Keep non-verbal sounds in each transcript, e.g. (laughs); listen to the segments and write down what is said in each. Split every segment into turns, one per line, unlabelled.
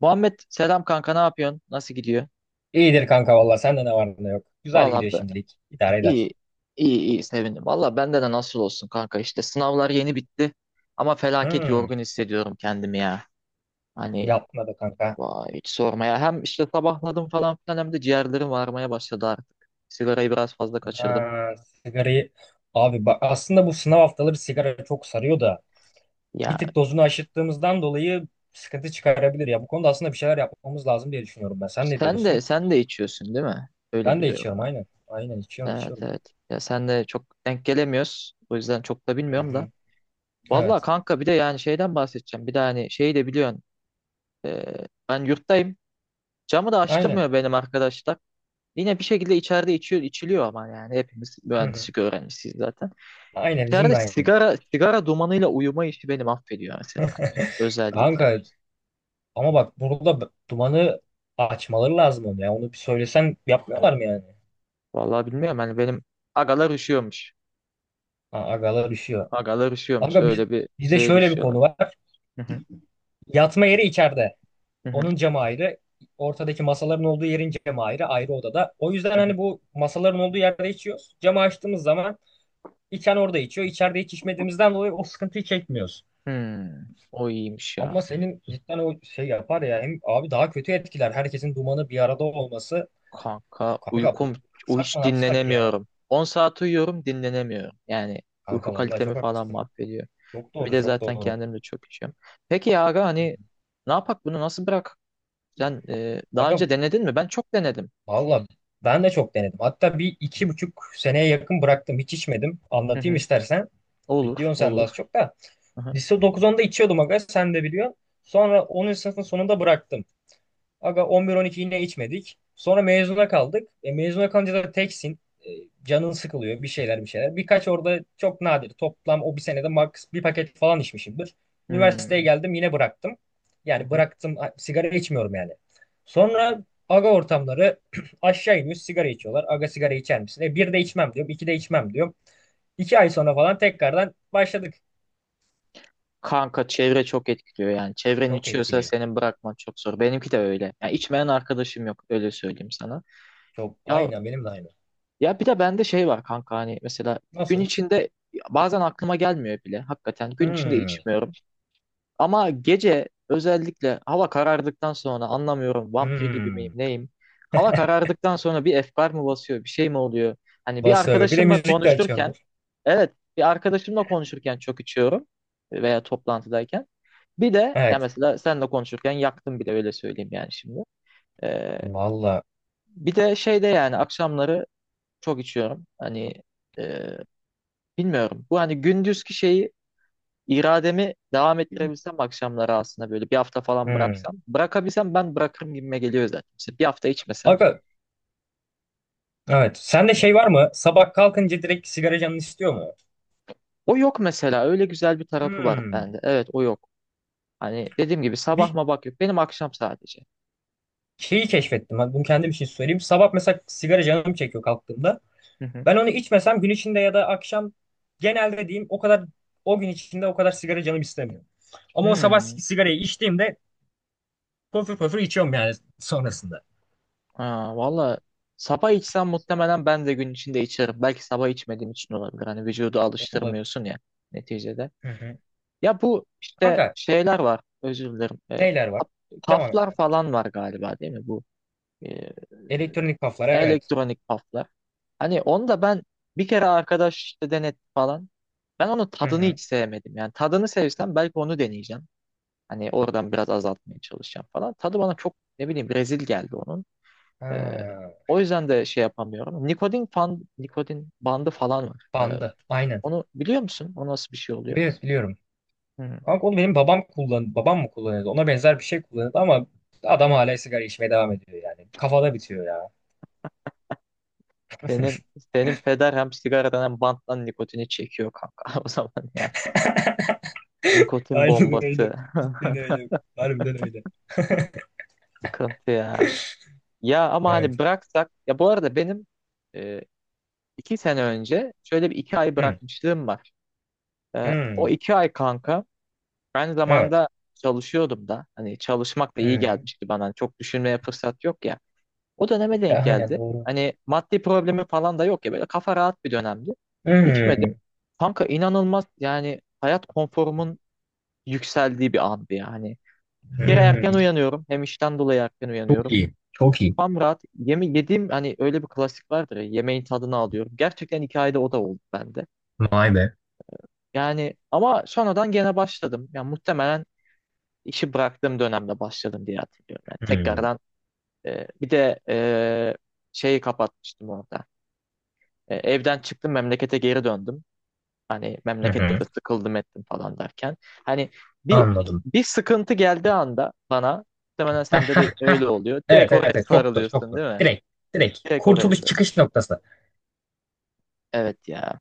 Muhammed selam kanka ne yapıyorsun? Nasıl gidiyor?
İyidir kanka valla sende ne var ne yok. Güzel
Valla
gidiyor
ben,
şimdilik. İdare
iyi
eder.
iyi iyi sevindim. Valla bende de nasıl olsun kanka işte sınavlar yeni bitti ama felaket
Hmm,
yorgun hissediyorum kendimi ya. Hani
yapma da kanka.
vay hiç sormaya. Hem işte sabahladım falan filan hem de ciğerlerim varmaya başladı artık. Sigarayı biraz fazla kaçırdım.
Ha, sigarayı abi bak aslında bu sınav haftaları sigara çok sarıyor da
Ya
bir tık dozunu aşırttığımızdan dolayı sıkıntı çıkarabilir ya. Bu konuda aslında bir şeyler yapmamız lazım diye düşünüyorum ben. Sen ne
sen de
diyorsun?
sen de içiyorsun değil mi? Öyle
Ben de
biliyorum
içiyorum
ben.
aynen. Aynen içiyorum
Evet,
içiyorum.
evet. Ya sen de çok denk gelemiyoruz. O yüzden çok da
Hı
bilmiyorum da.
hı.
Valla
Evet.
kanka bir de yani şeyden bahsedeceğim. Bir de hani şeyi de biliyorsun. Ee, ben yurttayım. Camı da
Aynen.
açtırmıyor benim arkadaşlar. Yine bir şekilde içeride içiyor, içiliyor ama yani hepimiz
Hı hı.
mühendislik öğrencisiyiz zaten.
Aynen bizim
İçeride
de aynı.
sigara dumanıyla uyuma işi beni affediyor mesela. Özellikle.
Kanka ama bak burada dumanı açmaları lazım onu ya. Onu bir söylesen yapmıyorlar mı yani?
Vallahi bilmiyorum hani benim agalar üşüyormuş.
Ha, agalar üşüyor.
Agalar üşüyormuş.
Aga biz,
Öyle bir
bizde
şeye
şöyle bir
düşüyorlar.
konu var.
Hı hı,
Yatma yeri içeride.
hı hı,
Onun camı ayrı. Ortadaki masaların olduğu yerin camı ayrı. Ayrı odada. O yüzden
hı hı.
hani bu masaların olduğu yerde içiyoruz. Camı açtığımız zaman içen orada içiyor. İçeride hiç içmediğimizden dolayı o sıkıntıyı çekmiyoruz.
O iyiymiş ya.
Ama senin cidden o şey yapar ya. Hem abi daha kötü etkiler. Herkesin dumanı bir arada olması.
Kanka
Kanka
uykum
sakma
hiç
ne yapsak ya.
dinlenemiyorum. 10 saat uyuyorum dinlenemiyorum. Yani uyku
Kanka vallahi
kalitemi
çok
falan
haklısın.
mahvediyor.
Çok
Bir
doğru
de
çok
zaten
doğru.
kendim de çok içiyorum. Peki ya aga
Hı hı.
hani ne yapak bunu nasıl bırak? Sen daha
Aga
önce denedin mi? Ben çok denedim.
valla ben de çok denedim. Hatta bir 2,5 seneye yakın bıraktım. Hiç içmedim.
Hı
Anlatayım
hı.
istersen.
Olur,
Biliyorsun sen de az
olur.
çok da.
Hı hı.
Lise dokuz onda içiyordum aga sen de biliyorsun. Sonra 10. sınıfın sonunda bıraktım. Aga 11-12 yine içmedik. Sonra mezuna kaldık. E, mezuna kalınca da teksin. E, canın sıkılıyor bir şeyler bir şeyler. Birkaç orada çok nadir. Toplam o bir senede max bir paket falan içmişimdir. Üniversiteye
Hmm,
geldim yine bıraktım.
hı
Yani
hı.
bıraktım sigara içmiyorum yani. Sonra aga ortamları (clears throat) aşağı iniyor sigara içiyorlar. Aga sigara içer misin? E, bir de içmem diyorum. İki de içmem diyorum. 2 ay sonra falan tekrardan başladık.
Kanka çevre çok etkiliyor yani. Çevren
Çok
içiyorsa
etkiliyor.
senin bırakman çok zor. Benimki de öyle. Yani içmeyen arkadaşım yok öyle söyleyeyim sana.
Çok
Ya
aynen benim de aynı.
ya bir de bende şey var kanka hani mesela gün
Nasıl?
içinde bazen aklıma gelmiyor bile. Hakikaten gün içinde
Hmm.
içmiyorum. Ama gece özellikle hava karardıktan sonra anlamıyorum vampir gibi miyim
Hmm.
neyim? Hava karardıktan sonra bir efkar mı basıyor bir şey mi oluyor? Hani bir
Basarı. Bir de
arkadaşımla
müzik de
konuşurken
açıyordur.
evet bir arkadaşımla konuşurken çok içiyorum veya toplantıdayken. Bir de ya
Evet.
mesela senle konuşurken yaktım bile öyle söyleyeyim yani şimdi. Ee,
Valla.
bir de şeyde yani akşamları çok içiyorum. Hani e, bilmiyorum. Bu hani gündüzki şeyi. İrademi devam ettirebilsem akşamları aslında böyle bir hafta falan
Hmm.
bıraksam. Bırakabilsem ben bırakırım gibime geliyor zaten. İşte bir hafta içmesem.
Aga, evet. Sende şey var mı? Sabah kalkınca direkt sigara canın istiyor mu?
O yok mesela. Öyle güzel bir tarafı var
Hmm.
bende. Evet, o yok. Hani dediğim gibi sabah
Bir
mı bak yok. Benim akşam sadece.
şeyi keşfettim. Hadi bunu kendim için söyleyeyim. Sabah mesela sigara canım çekiyor kalktığımda.
Hı hı.
Ben onu içmesem gün içinde ya da akşam genelde diyeyim o kadar o gün içinde o kadar sigara canım istemiyor. Ama o sabah
Hmm.
sigarayı içtiğimde pöfür pöfür içiyorum yani sonrasında.
Ha, valla sabah içsem muhtemelen ben de gün içinde içerim. Belki sabah içmediğim için olabilir. Hani vücudu
Olabilir.
alıştırmıyorsun ya neticede.
Hı hı.
Ya bu işte
Kanka
şeyler var. Özür dilerim.
neler var?
Paf-
Devam et.
paflar falan var galiba değil mi bu? Ee,
Elektronik kaflar evet.
elektronik paflar. Hani onu da ben bir kere arkadaş işte denetti falan. Ben onun
Hı
tadını
hı.
hiç sevmedim. Yani tadını sevsem belki onu deneyeceğim. Hani oradan biraz azaltmaya çalışacağım falan. Tadı bana çok ne bileyim rezil geldi onun. Ee,
Ha,
o yüzden de şey yapamıyorum. Nikotin bandı falan var.
bandı. Aynen.
Onu biliyor musun? O nasıl bir şey oluyor?
Evet biliyorum.
Hı.
Kanka onu benim babam babam mı kullanıyordu? Ona benzer bir şey kullanıyordu ama adam hala sigara içmeye devam ediyor yani. Kafada bitiyor ya.
Senin senin peder hem sigaradan hem banttan nikotini çekiyor kanka. (laughs) O zaman yani
(laughs)
nikotin
Aynen öyle.
bombası.
Cidden öyle. Harbiden öyle.
(laughs) Sıkıntı ya. Ya ama hani
Evet.
bıraksak ya bu arada benim e, 2 sene önce şöyle bir 2 ay
Hmm.
bırakmışlığım var. O
Hmm.
2 ay kanka aynı
Evet.
zamanda çalışıyordum da hani çalışmak da iyi
Hmm.
gelmişti bana. Hani çok düşünmeye fırsat yok ya. O döneme
E,
denk
aynen
geldi.
doğru.
Hani maddi problemi falan da yok ya böyle kafa rahat bir dönemdi. İçmedim.
Hmm.
Kanka inanılmaz yani hayat konforumun yükseldiği bir andı yani. Bir kere erken
Hmm.
uyanıyorum. Hem işten dolayı erken
Çok
uyanıyorum.
iyi. Çok iyi.
Tam rahat. Yediğim hani öyle bir klasik vardır ya, yemeğin tadını alıyorum. Gerçekten hikayede o da oldu bende.
Vay be.
Yani ama sonradan gene başladım. Yani muhtemelen işi bıraktığım dönemde başladım diye hatırlıyorum. Yani
Hmm.
tekrardan bir de şeyi kapatmıştım orada. Evden çıktım memlekete geri döndüm. Hani
Hı
memlekette
hı.
de sıkıldım ettim falan derken. Hani bir
Anladım.
bir sıkıntı geldiği anda bana muhtemelen sende de öyle
(laughs)
oluyor. Direkt
Evet, evet,
oraya
evet. Çok doğru, çok
sarılıyorsun
doğru.
değil mi?
Direkt, direkt.
Direkt oraya
Kurtuluş
sarılıyorsun.
çıkış noktası.
Evet ya.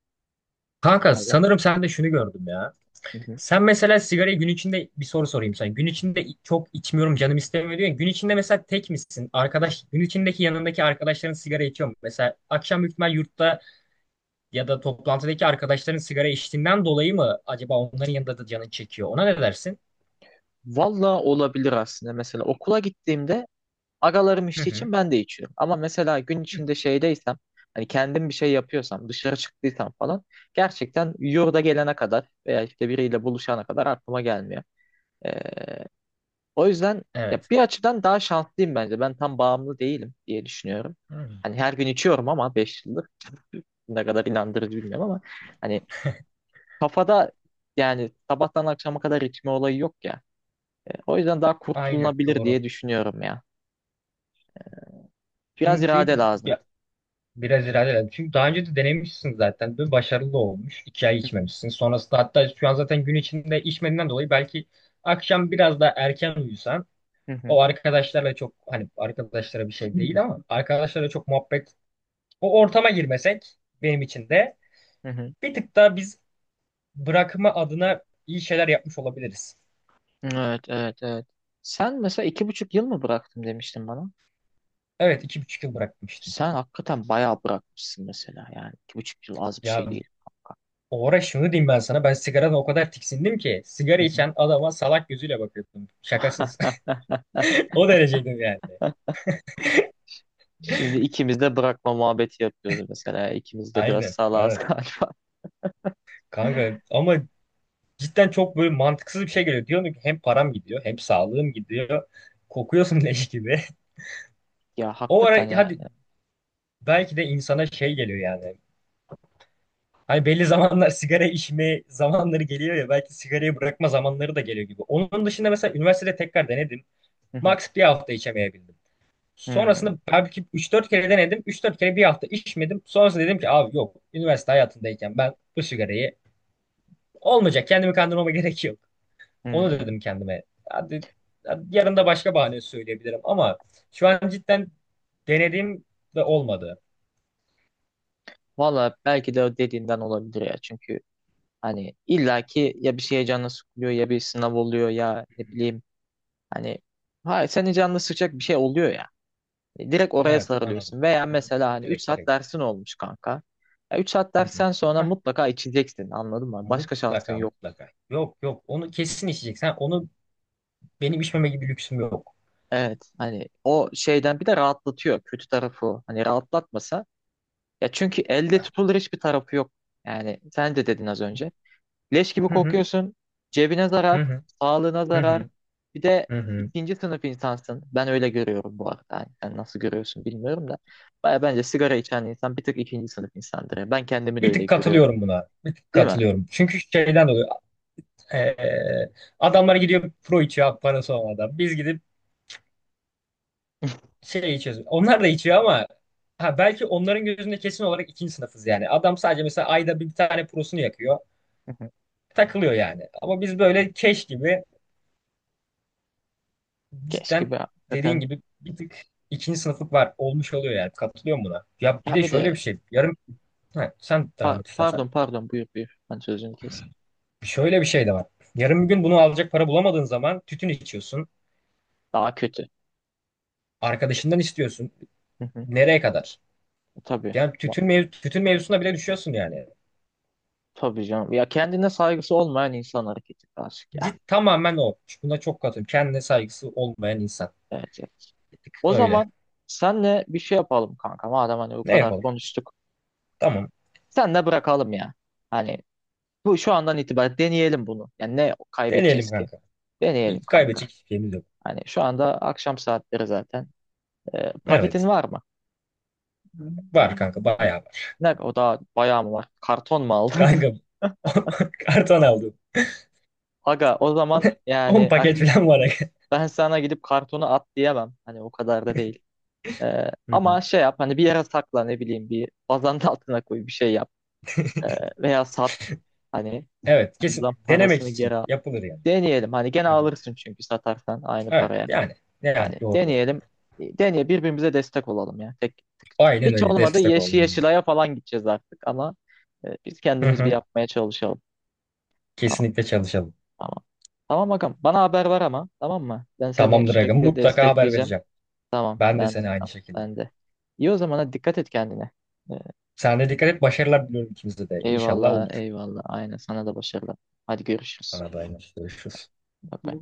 Kanka sanırım sen de şunu gördüm ya.
Hı hı.
Sen mesela sigarayı gün içinde bir soru sorayım sana. Gün içinde çok içmiyorum canım istemiyor diyor ya. Gün içinde mesela tek misin? Arkadaş gün içindeki yanındaki arkadaşların sigara içiyor mu? Mesela akşam büyük ihtimal yurtta ya da toplantıdaki arkadaşların sigara içtiğinden dolayı mı acaba onların yanında da canın çekiyor? Ona ne dersin?
Valla olabilir aslında. Mesela okula gittiğimde agalarım
Hı
içtiği
hı.
için ben de içiyorum. Ama mesela gün içinde şeydeysem hani kendim bir şey yapıyorsam dışarı çıktıysam falan gerçekten yurda gelene kadar veya işte biriyle buluşana kadar aklıma gelmiyor. Ee, o yüzden ya
Evet.
bir açıdan daha şanslıyım bence. Ben tam bağımlı değilim diye düşünüyorum.
Hmm.
Hani her gün içiyorum ama 5 yıldır ne kadar inandırıcı bilmiyorum ama hani kafada yani sabahtan akşama kadar içme olayı yok ya. O yüzden daha
Aynen
kurtulunabilir
doğru.
diye düşünüyorum ya. Biraz
Çünkü
irade lazım.
ya biraz ilerleyelim. Çünkü daha önce de denemişsin zaten. Bir başarılı olmuş. 2 ay
Hı hı,
içmemişsin. Sonrasında hatta şu an zaten gün içinde içmediğinden dolayı belki akşam biraz daha erken uyusan
hı hı,
o arkadaşlarla çok hani arkadaşlara bir şey değil ama arkadaşlarla çok muhabbet o ortama girmesek benim için de
hı hı.
bir tık daha biz bırakma adına iyi şeyler yapmış olabiliriz.
Evet, evet, evet. Sen mesela 2,5 yıl mı bıraktım demiştin bana.
Evet 2,5 yıl bırakmıştım.
Sen hakikaten bayağı bırakmışsın mesela yani. 2,5 yıl az bir
Ya
şey değil kanka.
o ara şunu diyeyim ben sana ben sigaradan o kadar tiksindim ki sigara
Hı hı.
içen adama salak gözüyle bakıyordum. Şakasız. (laughs)
(laughs)
O dereceydim yani.
Şimdi ikimiz de bırakma muhabbeti yapıyoruz mesela. İkimiz de biraz
Aynen.
salağız (laughs)
Evet.
galiba.
Kanka ama cidden çok böyle mantıksız bir şey geliyor. Diyorsun ki hem param gidiyor hem sağlığım gidiyor. Kokuyorsun leş gibi. (laughs)
Ya
O
hakikaten
ara hadi
yani.
belki de insana şey geliyor yani. Hani belli zamanlar sigara içme zamanları geliyor ya belki sigarayı bırakma zamanları da geliyor gibi. Onun dışında mesela üniversitede tekrar denedim.
Hı hı.
Max bir hafta içemeyebildim.
Hmm,
Sonrasında belki 3-4 kere denedim. 3-4 kere bir hafta içmedim. Sonrasında dedim ki abi yok üniversite hayatındayken ben bu sigarayı olmayacak. Kendimi kandırmama (laughs) gerek yok. Onu
hmm.
dedim kendime. Hadi, hadi yarın da başka bahane söyleyebilirim ama şu an cidden denediğim de olmadı.
Valla belki de dediğinden olabilir ya. Çünkü hani illaki ya bir şeye canını sıkılıyor ya bir sınav oluyor ya ne bileyim hani hayır senin canını sıkacak bir şey oluyor ya. Direkt oraya
Evet anladım.
sarılıyorsun. Veya
Hı-hı.
mesela hani 3
Direkt
saat
direkt.
dersin olmuş kanka. 3 saat
Hı-hı.
dersten sonra
Hah,
mutlaka içeceksin anladın mı? Başka şansın
mutlaka
yok.
mutlaka. Yok yok onu kesin içecek. Sen onu benim içmeme gibi lüksüm yok.
Evet hani o şeyden bir de rahatlatıyor kötü tarafı o. Hani rahatlatmasa ya çünkü elde tutulur hiçbir tarafı yok. Yani sen de dedin az önce. Leş gibi
Hı-hı.
kokuyorsun. Cebine zarar,
Hı-hı.
sağlığına zarar.
Hı-hı.
Bir de
Hı-hı.
ikinci sınıf insansın. Ben öyle görüyorum bu arada. Yani sen nasıl görüyorsun bilmiyorum da. Baya bence sigara içen insan bir tık ikinci sınıf insandır ya. Ben kendimi de
Bir
öyle
tık
görüyorum.
katılıyorum buna. Bir tık
Değil mi?
katılıyorum. Çünkü şeyden dolayı eee, adamlar gidiyor pro içiyor parası olmadan. Biz gidip şey içiyoruz. Onlar da içiyor ama ha, belki onların gözünde kesin olarak ikinci sınıfız yani. Adam sadece mesela ayda bir tane prosunu yakıyor.
Hı hı.
Takılıyor yani. Ama biz böyle keş gibi
Keşke
cidden
be
dediğin
hakikaten.
gibi bir tık ikinci sınıflık var. Olmuş oluyor yani. Katılıyorum buna. Ya bir
Ya
de
bir
şöyle
de
bir şey. Yarın ha, sen devam et istersen.
pardon pardon buyur buyur. Ben sözünü kes.
Şöyle bir şey de var. Yarın bir gün bunu alacak para bulamadığın zaman tütün içiyorsun.
Daha kötü.
Arkadaşından istiyorsun.
Hı hı.
Nereye kadar?
Tabii.
Yani
Ma-
tütün, tütün mevzusuna bile düşüyorsun yani.
Tabii canım. Ya kendine saygısı olmayan insan hareketi aşık ya.
Git tamamen o. Buna çok katılıyorum. Kendine saygısı olmayan insan.
Evet, evet.
Bir tık
O
öyle.
zaman senle bir şey yapalım kanka. Madem hani bu
Ne
kadar
yapalım?
konuştuk.
Tamam.
Senle bırakalım ya. Hani bu şu andan itibaren deneyelim bunu. Yani ne
Deneyelim
kaybedeceğiz ki?
kanka.
Deneyelim
İlk
kanka.
kaybedecek hiçbir şeyimiz yok.
Hani şu anda akşam saatleri zaten. Paketin
Evet.
var mı?
Var kanka. Bayağı var.
Ne o da bayağı mı var? Karton mu aldın?
Kanka (laughs) karton aldım.
(laughs) Aga o zaman
(laughs) 10
yani
paket falan var.
ben sana gidip kartonu at diyemem. Hani o kadar da değil.
(laughs) Hı hı.
Ama şey yap hani bir yere sakla ne bileyim bir bazanın altına koy bir şey yap. Veya sat. Hani
Evet. Kesin
lan
denemek
parasını
için
geri al.
yapılır yani.
Deneyelim. Hani gene
Hı hı.
alırsın çünkü satarsan aynı
Evet.
paraya.
Yani. Yani
Hani
doğru doğru.
deneyelim. Deneye birbirimize destek olalım ya. Tek
Aynen
hiç
öyle.
olmadı
Destek olun bize.
Yeşilay'a falan gideceğiz artık ama biz
Hı
kendimiz bir
hı.
yapmaya çalışalım. Tamam.
Kesinlikle çalışalım.
Tamam. Tamam bakalım. Bana haber ver ama. Tamam mı? Ben seni
Tamamdır aga.
sürekli
Mutlaka haber
destekleyeceğim.
vereceğim.
Tamam.
Ben de
Ben de.
seni aynı
Tamam,
şekilde.
ben de. İyi o zaman hadi dikkat et kendine. E,
Sen de dikkat et. Başarılar diliyorum ikimize de. İnşallah
eyvallah.
olur.
Eyvallah. Aynen. Sana da başarılar. Hadi görüşürüz.
Arada tamam. Yine görüşürüz.
Bye bye.